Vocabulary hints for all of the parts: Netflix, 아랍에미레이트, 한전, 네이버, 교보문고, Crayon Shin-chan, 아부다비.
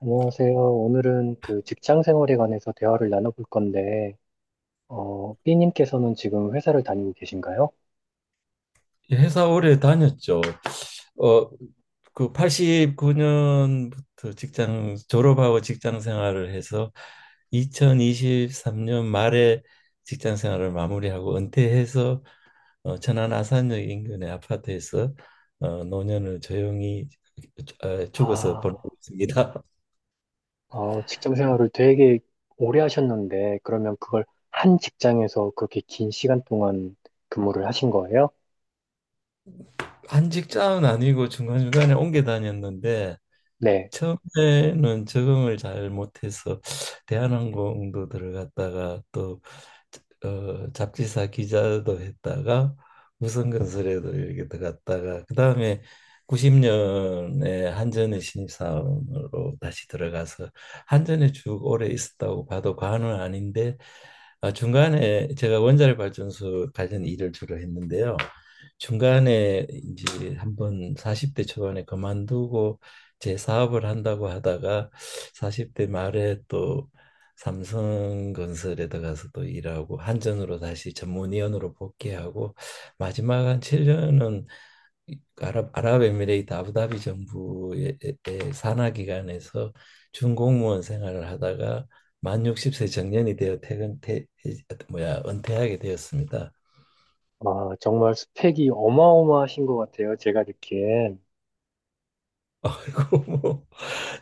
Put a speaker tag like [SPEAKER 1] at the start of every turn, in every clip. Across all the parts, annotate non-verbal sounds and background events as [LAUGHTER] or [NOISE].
[SPEAKER 1] 안녕하세요. 오늘은 그 직장 생활에 관해서 대화를 나눠볼 건데, B님께서는 지금 회사를 다니고 계신가요?
[SPEAKER 2] 회사 오래 다녔죠. 어, 그 89년부터 직장 졸업하고 직장 생활을 해서 2023년 말에 직장 생활을 마무리하고 은퇴해서 천안 아산역 인근의 아파트에서 노년을 조용히 죽어서 보내고
[SPEAKER 1] 아,
[SPEAKER 2] 있습니다. [LAUGHS]
[SPEAKER 1] 어, 직장 생활을 되게 오래 하셨는데, 그러면 그걸 한 직장에서 그렇게 긴 시간 동안 근무를 하신 거예요?
[SPEAKER 2] 한 직장은 아니고 중간중간에 옮겨 다녔는데
[SPEAKER 1] 네.
[SPEAKER 2] 처음에는 적응을 잘 못해서 대한항공도 들어갔다가 또 잡지사 기자도 했다가 우선건설에도 이렇게 들어갔다가 그 다음에 90년에 한전의 신입사원으로 다시 들어가서 한전에 쭉 오래 있었다고 봐도 과언은 아닌데 아, 중간에 제가 원자력 발전소 관련 일을 주로 했는데요. 중간에 이제 한번 40대 초반에 그만두고 제 사업을 한다고 하다가 40대 말에 또 삼성건설에 들어가서도 일하고 한전으로 다시 전문위원으로 복귀하고 마지막 한 7년은 아랍에미레이트 아부다비 정부의 산하 기관에서 준공무원 생활을 하다가 만 60세 정년이 되어 퇴근 퇴 뭐야 은퇴하게 되었습니다.
[SPEAKER 1] 아, 정말 스펙이 어마어마하신 것 같아요. 제가 느끼엔.
[SPEAKER 2] [LAUGHS] 그리고 뭐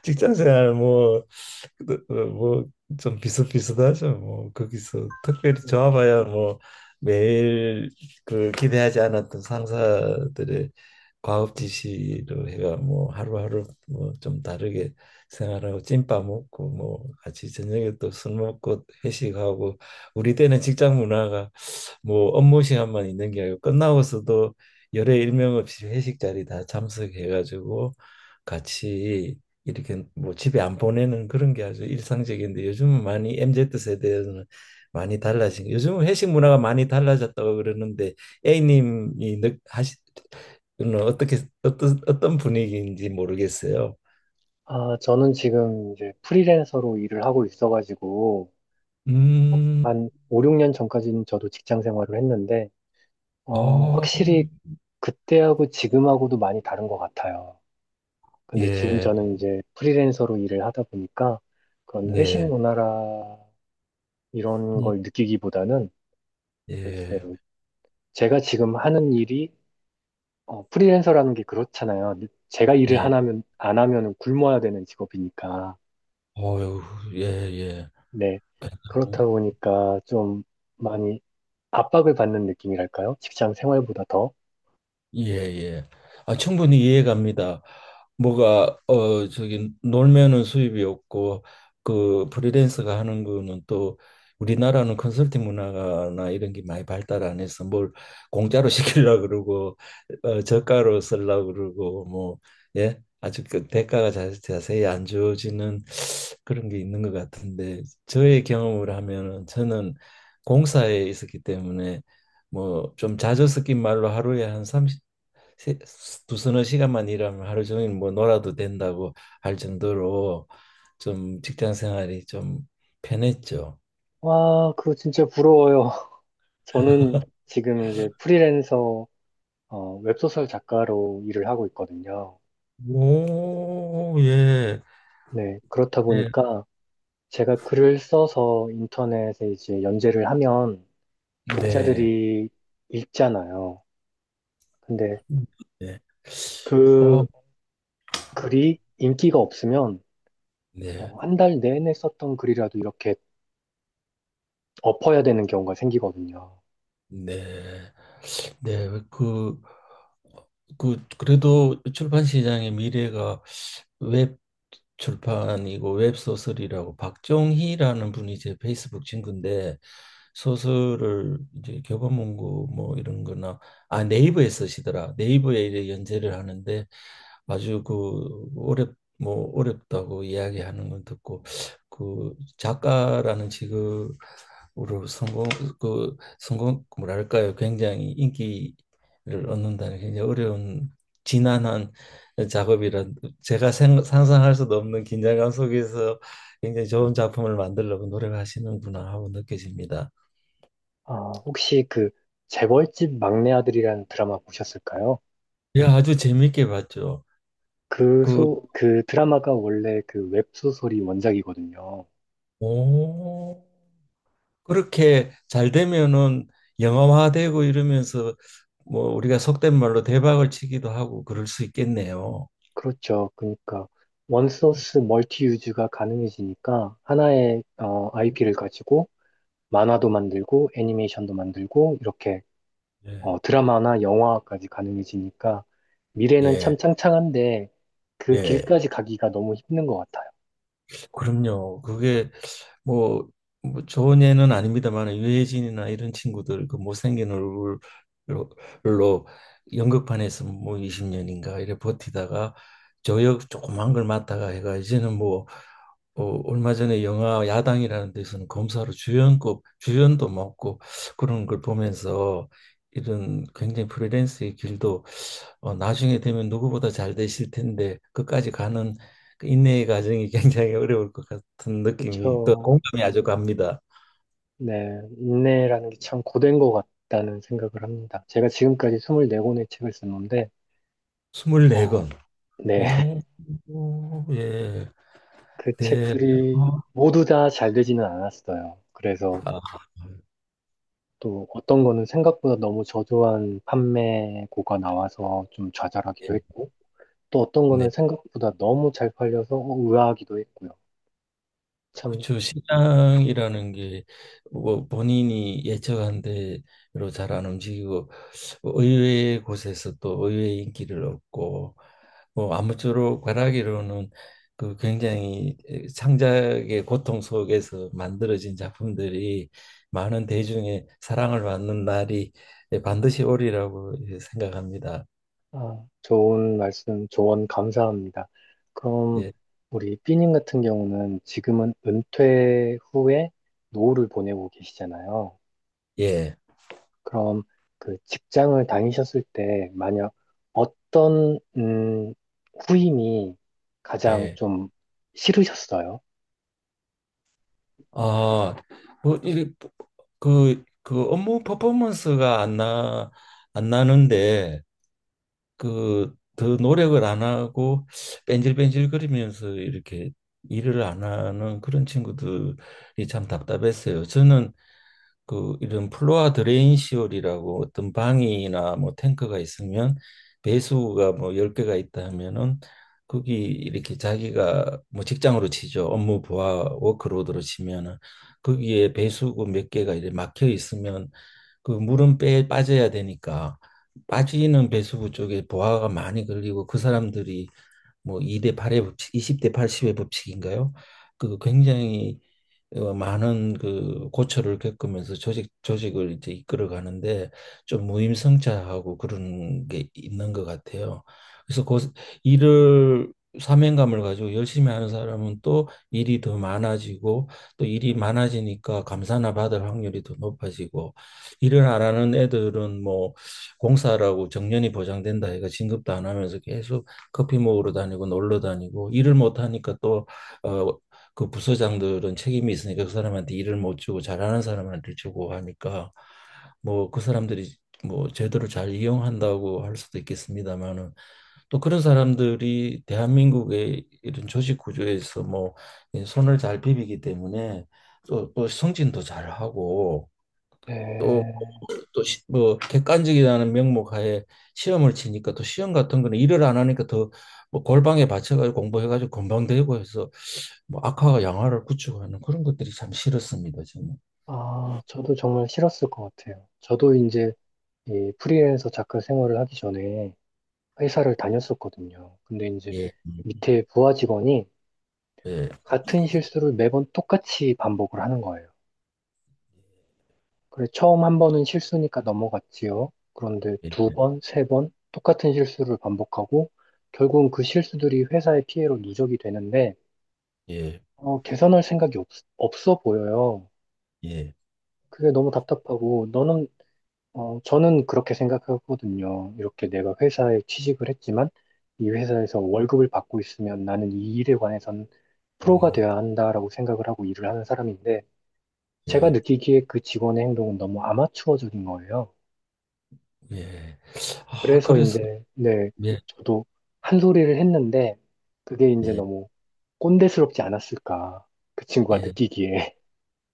[SPEAKER 2] 직장 생활 뭐뭐 좀 비슷비슷하죠. 뭐 거기서 특별히
[SPEAKER 1] 네.
[SPEAKER 2] 좋아봐야 뭐 매일 그 기대하지 않았던 상사들의 과업 지시로 해가 뭐 하루하루 뭐 좀 다르게 생활하고 찐밥 먹고 뭐 같이 저녁에 또 술 먹고 회식하고 우리 때는 직장 문화가 뭐 업무 시간만 있는 게 아니고 끝나고서도 열에 일명 없이 회식 자리 다 참석해가지고 같이 이렇게 뭐 집에 안 보내는 그런 게 아주 일상적인데 요즘은 많이 MZ 세대는 많이 달라진 요즘은 회식 문화가 많이 달라졌다고 그러는데 A님이 하시 는 어떻게 어떤 분위기인지 모르겠어요.
[SPEAKER 1] 아, 저는 지금 이제 프리랜서로 일을 하고 있어가지고,
[SPEAKER 2] 음,
[SPEAKER 1] 한 5, 6년 전까지는 저도 직장 생활을 했는데, 어,
[SPEAKER 2] 어,
[SPEAKER 1] 확실히 그때하고 지금하고도 많이 다른 것 같아요. 근데 지금
[SPEAKER 2] 예,
[SPEAKER 1] 저는 이제 프리랜서로 일을 하다 보니까 그런 회식
[SPEAKER 2] 예,
[SPEAKER 1] 문화라 이런
[SPEAKER 2] 음,
[SPEAKER 1] 걸 느끼기보다는
[SPEAKER 2] 예,
[SPEAKER 1] 글쎄요. 제가 지금 하는 일이 프리랜서라는 게 그렇잖아요. 제가 일을
[SPEAKER 2] 예,
[SPEAKER 1] 안 하면 굶어야 되는 직업이니까.
[SPEAKER 2] 어유, 예, 예.
[SPEAKER 1] 네. 그렇다 보니까 좀 많이 압박을 받는 느낌이랄까요? 직장 생활보다 더.
[SPEAKER 2] 예, 예. 아, 충분히 이해 갑니다. 뭐가 저기 놀면은 수입이 없고 그 프리랜서가 하는 거는 또 우리나라는 컨설팅 문화나 이런 게 많이 발달 안 해서 뭘 공짜로 [LAUGHS] 시키려고 그러고 저가로 쓰려고 그러고 뭐 예. 아주 그 대가가 자세히 안 주어지는 그런 게 있는 것 같은데 저의 경험을 하면은 저는 공사에 있었기 때문에 뭐 좀 자주 섞인 말로 하루에 한 세- 두 서너 시간만 일하면 하루 종일 뭐 놀아도 된다고 할 정도로 좀 직장 생활이 좀 편했죠.
[SPEAKER 1] 와, 그거 진짜 부러워요. [LAUGHS] 저는 지금 이제 프리랜서 웹소설 작가로 일을 하고 있거든요.
[SPEAKER 2] 오, 예,
[SPEAKER 1] 네, 그렇다
[SPEAKER 2] 예.
[SPEAKER 1] 보니까 제가 글을 써서 인터넷에 이제 연재를 하면
[SPEAKER 2] 네.
[SPEAKER 1] 독자들이 읽잖아요. 근데
[SPEAKER 2] 네. 어,
[SPEAKER 1] 그 글이 인기가 없으면
[SPEAKER 2] 네.
[SPEAKER 1] 한달 내내 썼던 글이라도 이렇게 엎어야 되는 경우가 생기거든요.
[SPEAKER 2] 네. 네. 그래도 출판 시장의 미래가 웹 출판이고 웹소설이라고 박종희라는 분이 제 페이스북 친구인데 소설을 이제 교보문고 뭐 이런 거나 네이버에 쓰시더라 네이버에 이제 연재를 하는데 아주 그 어렵다고 이야기하는 건 듣고 그 작가라는 직업으로 성공 그 뭐랄까요 굉장히 인기를 얻는다는 게 굉장히 어려운 지난한 작업이라 제가 상상할 수도 없는 긴장감 속에서 굉장히 좋은 작품을 만들려고 노력하시는구나 하고 느껴집니다.
[SPEAKER 1] 아, 혹시 그 재벌집 막내 아들이라는 드라마 보셨을까요?
[SPEAKER 2] 예, 아주 재밌게 봤죠. 그
[SPEAKER 1] 그 드라마가 원래 그 웹소설이 원작이거든요.
[SPEAKER 2] 오, 그렇게 잘 되면은 영화화되고 이러면서 뭐 우리가 속된 말로 대박을 치기도 하고 그럴 수 있겠네요.
[SPEAKER 1] 그렇죠. 그러니까 원소스 멀티 유즈가 가능해지니까 하나의 IP를 가지고 만화도 만들고 애니메이션도 만들고 이렇게
[SPEAKER 2] 예.
[SPEAKER 1] 어, 드라마나 영화까지 가능해지니까 미래는
[SPEAKER 2] 예,
[SPEAKER 1] 참 창창한데 그
[SPEAKER 2] 예.
[SPEAKER 1] 길까지 가기가 너무 힘든 것 같아요.
[SPEAKER 2] 그럼요. 그게 뭐, 뭐 좋은 예는 아닙니다만 유해진이나 이런 친구들 그 못생긴 얼굴로 연극판에서 뭐 20년인가 이래 버티다가 저역 조그만 걸 맡다가 해가 이제는 뭐 얼마 전에 영화 야당이라는 데서는 검사로 주연급 주연도 맡고 그런 걸 보면서 이런 굉장히 프리랜서의 길도 나중에 되면 누구보다 잘 되실 텐데 끝까지 가는 그 인내의 과정이 [LAUGHS] 굉장히 어려울 것 같은 느낌이 또
[SPEAKER 1] 그렇죠.
[SPEAKER 2] 공감이 아주 갑니다.
[SPEAKER 1] 네, 인내라는 게 참 고된 것 같다는 생각을 합니다. 제가 지금까지 24권의 책을 썼는데 어,
[SPEAKER 2] 24권.
[SPEAKER 1] 네, [LAUGHS]
[SPEAKER 2] 오, 오, 예.
[SPEAKER 1] 그
[SPEAKER 2] 네.
[SPEAKER 1] 책들이
[SPEAKER 2] 어,
[SPEAKER 1] 모두 다 잘 되지는 않았어요. 그래서
[SPEAKER 2] 아,
[SPEAKER 1] 또 어떤 거는 생각보다 너무 저조한 판매고가 나와서 좀 좌절하기도
[SPEAKER 2] 예.
[SPEAKER 1] 했고, 또 어떤
[SPEAKER 2] 네.
[SPEAKER 1] 거는 생각보다 너무 잘 팔려서 어, 의아하기도 했고요. 참,
[SPEAKER 2] 그렇죠. 시장이라는 게 뭐 본인이 예측한 대로 잘 안 움직이고 의외의 곳에서 또 의외의 인기를 얻고 뭐 아무쪼록 바라기로는 그 굉장히 창작의 고통 속에서 만들어진 작품들이 많은 대중의 사랑을 받는 날이 반드시 오리라고 예, 생각합니다.
[SPEAKER 1] 아, 좋은 말씀, 조언 감사합니다. 그럼
[SPEAKER 2] 예,
[SPEAKER 1] 우리 삐님 같은 경우는 지금은 은퇴 후에 노후를 보내고 계시잖아요.
[SPEAKER 2] 예,
[SPEAKER 1] 그럼 그 직장을 다니셨을 때 만약 어떤, 후임이 가장
[SPEAKER 2] 예.
[SPEAKER 1] 좀 싫으셨어요?
[SPEAKER 2] 아, 뭐, 이, 업무 퍼포먼스가 안 나는데, 그, 더 노력을 안 하고, 뺀질뺀질거리면서 이렇게 일을 안 하는 그런 친구들이 참 답답했어요. 저는 그 이런 플로아 드레인 시월이라고 어떤 방이나 뭐 탱크가 있으면 배수구가 뭐 열개가 있다 하면은 거기 이렇게 자기가 뭐 직장으로 치죠. 업무 부하 워크로드로 치면은 거기에 배수구 몇 개가 이렇게 막혀 있으면 그 물은 빼 빠져야 되니까 빠지는 배수구 쪽에 부하가 많이 걸리고 그 사람들이 뭐 2대 8의 법칙, 20대 80의 법칙인가요? 그 굉장히 많은 그 고초를 겪으면서 조직을 이제 이끌어 가는데 좀 무임승차하고 그런 게 있는 것 같아요. 그래서 그 일을 사명감을 가지고 열심히 하는 사람은 또 일이 더 많아지고 또 일이 많아지니까 감사나 받을 확률이 더 높아지고 일을 안 하는 애들은 뭐 공사라고 정년이 보장된다 해가 진급도 안 하면서 계속 커피 먹으러 다니고 놀러 다니고 일을 못 하니까 또 어, 그 부서장들은 책임이 있으니까 그 사람한테 일을 못 주고 잘하는 사람한테 주고 하니까 뭐 그 사람들이 뭐 제도를 잘 이용한다고 할 수도 있겠습니다만은 또 그런 사람들이 대한민국의 이런 조직 구조에서 뭐이 손을 잘 비비기 때문에 또 승진도 잘하고 또
[SPEAKER 1] 네.
[SPEAKER 2] 또뭐 객관적이라는 명목 하에 시험을 치니까 또 시험 같은 거는 일을 안 하니까 더 뭐 골방에 받쳐가지고 공부해가지고 건방 되고 해서 뭐 악화가 양화를 구축하는 그런 것들이 참 싫었습니다. 저는
[SPEAKER 1] 아, 저도 정말 싫었을 것 같아요. 저도 이제 이 프리랜서 작가 생활을 하기 전에 회사를 다녔었거든요. 근데 이제
[SPEAKER 2] 예 예
[SPEAKER 1] 밑에 부하 직원이
[SPEAKER 2] 예
[SPEAKER 1] 같은 실수를 매번 똑같이 반복을 하는 거예요. 그래, 처음 한 번은 실수니까 넘어갔지요. 그런데 두 번, 세 번 똑같은 실수를 반복하고 결국은 그 실수들이 회사의 피해로 누적이 되는데
[SPEAKER 2] 예
[SPEAKER 1] 어, 개선할 생각이 없, 없어 보여요.
[SPEAKER 2] 예
[SPEAKER 1] 그게 너무 답답하고 너는 저는 그렇게 생각하거든요. 이렇게 내가 회사에 취직을 했지만 이 회사에서 월급을 받고 있으면 나는 이 일에 관해선 프로가
[SPEAKER 2] 예
[SPEAKER 1] 되어야 한다라고 생각을 하고 일을 하는 사람인데 제가
[SPEAKER 2] 예
[SPEAKER 1] 느끼기에 그 직원의 행동은 너무 아마추어적인 거예요.
[SPEAKER 2] 예 아
[SPEAKER 1] 그래서
[SPEAKER 2] 그래서
[SPEAKER 1] 이제 네,
[SPEAKER 2] 예
[SPEAKER 1] 저도 한 소리를 했는데 그게 이제
[SPEAKER 2] 예,
[SPEAKER 1] 너무 꼰대스럽지 않았을까. 그 친구가
[SPEAKER 2] 예.
[SPEAKER 1] 느끼기에.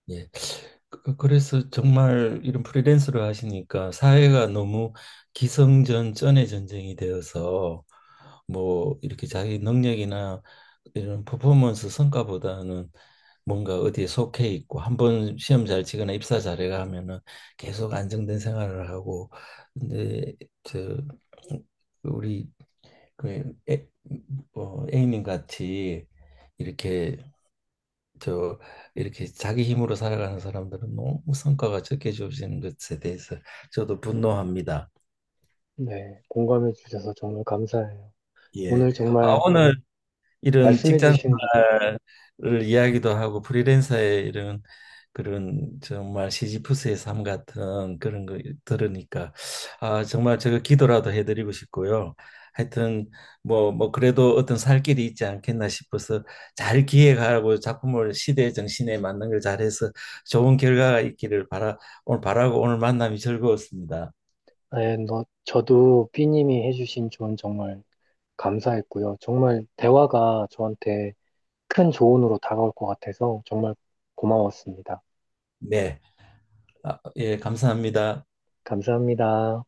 [SPEAKER 2] 예. 그래서 정말 이런 프리랜서를 하시니까 사회가 너무 기성전 전의 전쟁이 되어서 뭐 이렇게 자기 능력이나 이런 퍼포먼스 성과보다는 뭔가 어디에 속해 있고 한 번 시험 잘 치거나 입사 잘해가 하면은 계속 안정된 생활을 하고 근데 저 우리 그 A님 같이 이렇게 저 이렇게 자기 힘으로 살아가는 사람들은 너무 성과가 적게 주어지는 것에 대해서 저도 분노합니다.
[SPEAKER 1] [LAUGHS] 네, 공감해 주셔서 정말 감사해요.
[SPEAKER 2] 예.
[SPEAKER 1] 오늘
[SPEAKER 2] 아,
[SPEAKER 1] 정말
[SPEAKER 2] 오늘 이런
[SPEAKER 1] 말씀해
[SPEAKER 2] 직장
[SPEAKER 1] 주신
[SPEAKER 2] 생활을 이야기도 하고 프리랜서의 이런 그런 정말 시지프스의 삶 같은 그런 거 들으니까 아 정말 제가 기도라도 해드리고 싶고요. 하여튼 뭐 뭐 그래도 어떤 살 길이 있지 않겠나 싶어서 잘 기획하고 작품을 시대 정신에 맞는 걸 잘해서 좋은 결과가 있기를 바라 오늘 바라고 오늘 만남이 즐거웠습니다.
[SPEAKER 1] 네, 저도 B님이 해주신 조언 정말 감사했고요. 정말 대화가 저한테 큰 조언으로 다가올 것 같아서 정말 고마웠습니다.
[SPEAKER 2] 네, 아, 예, 감사합니다.
[SPEAKER 1] 감사합니다.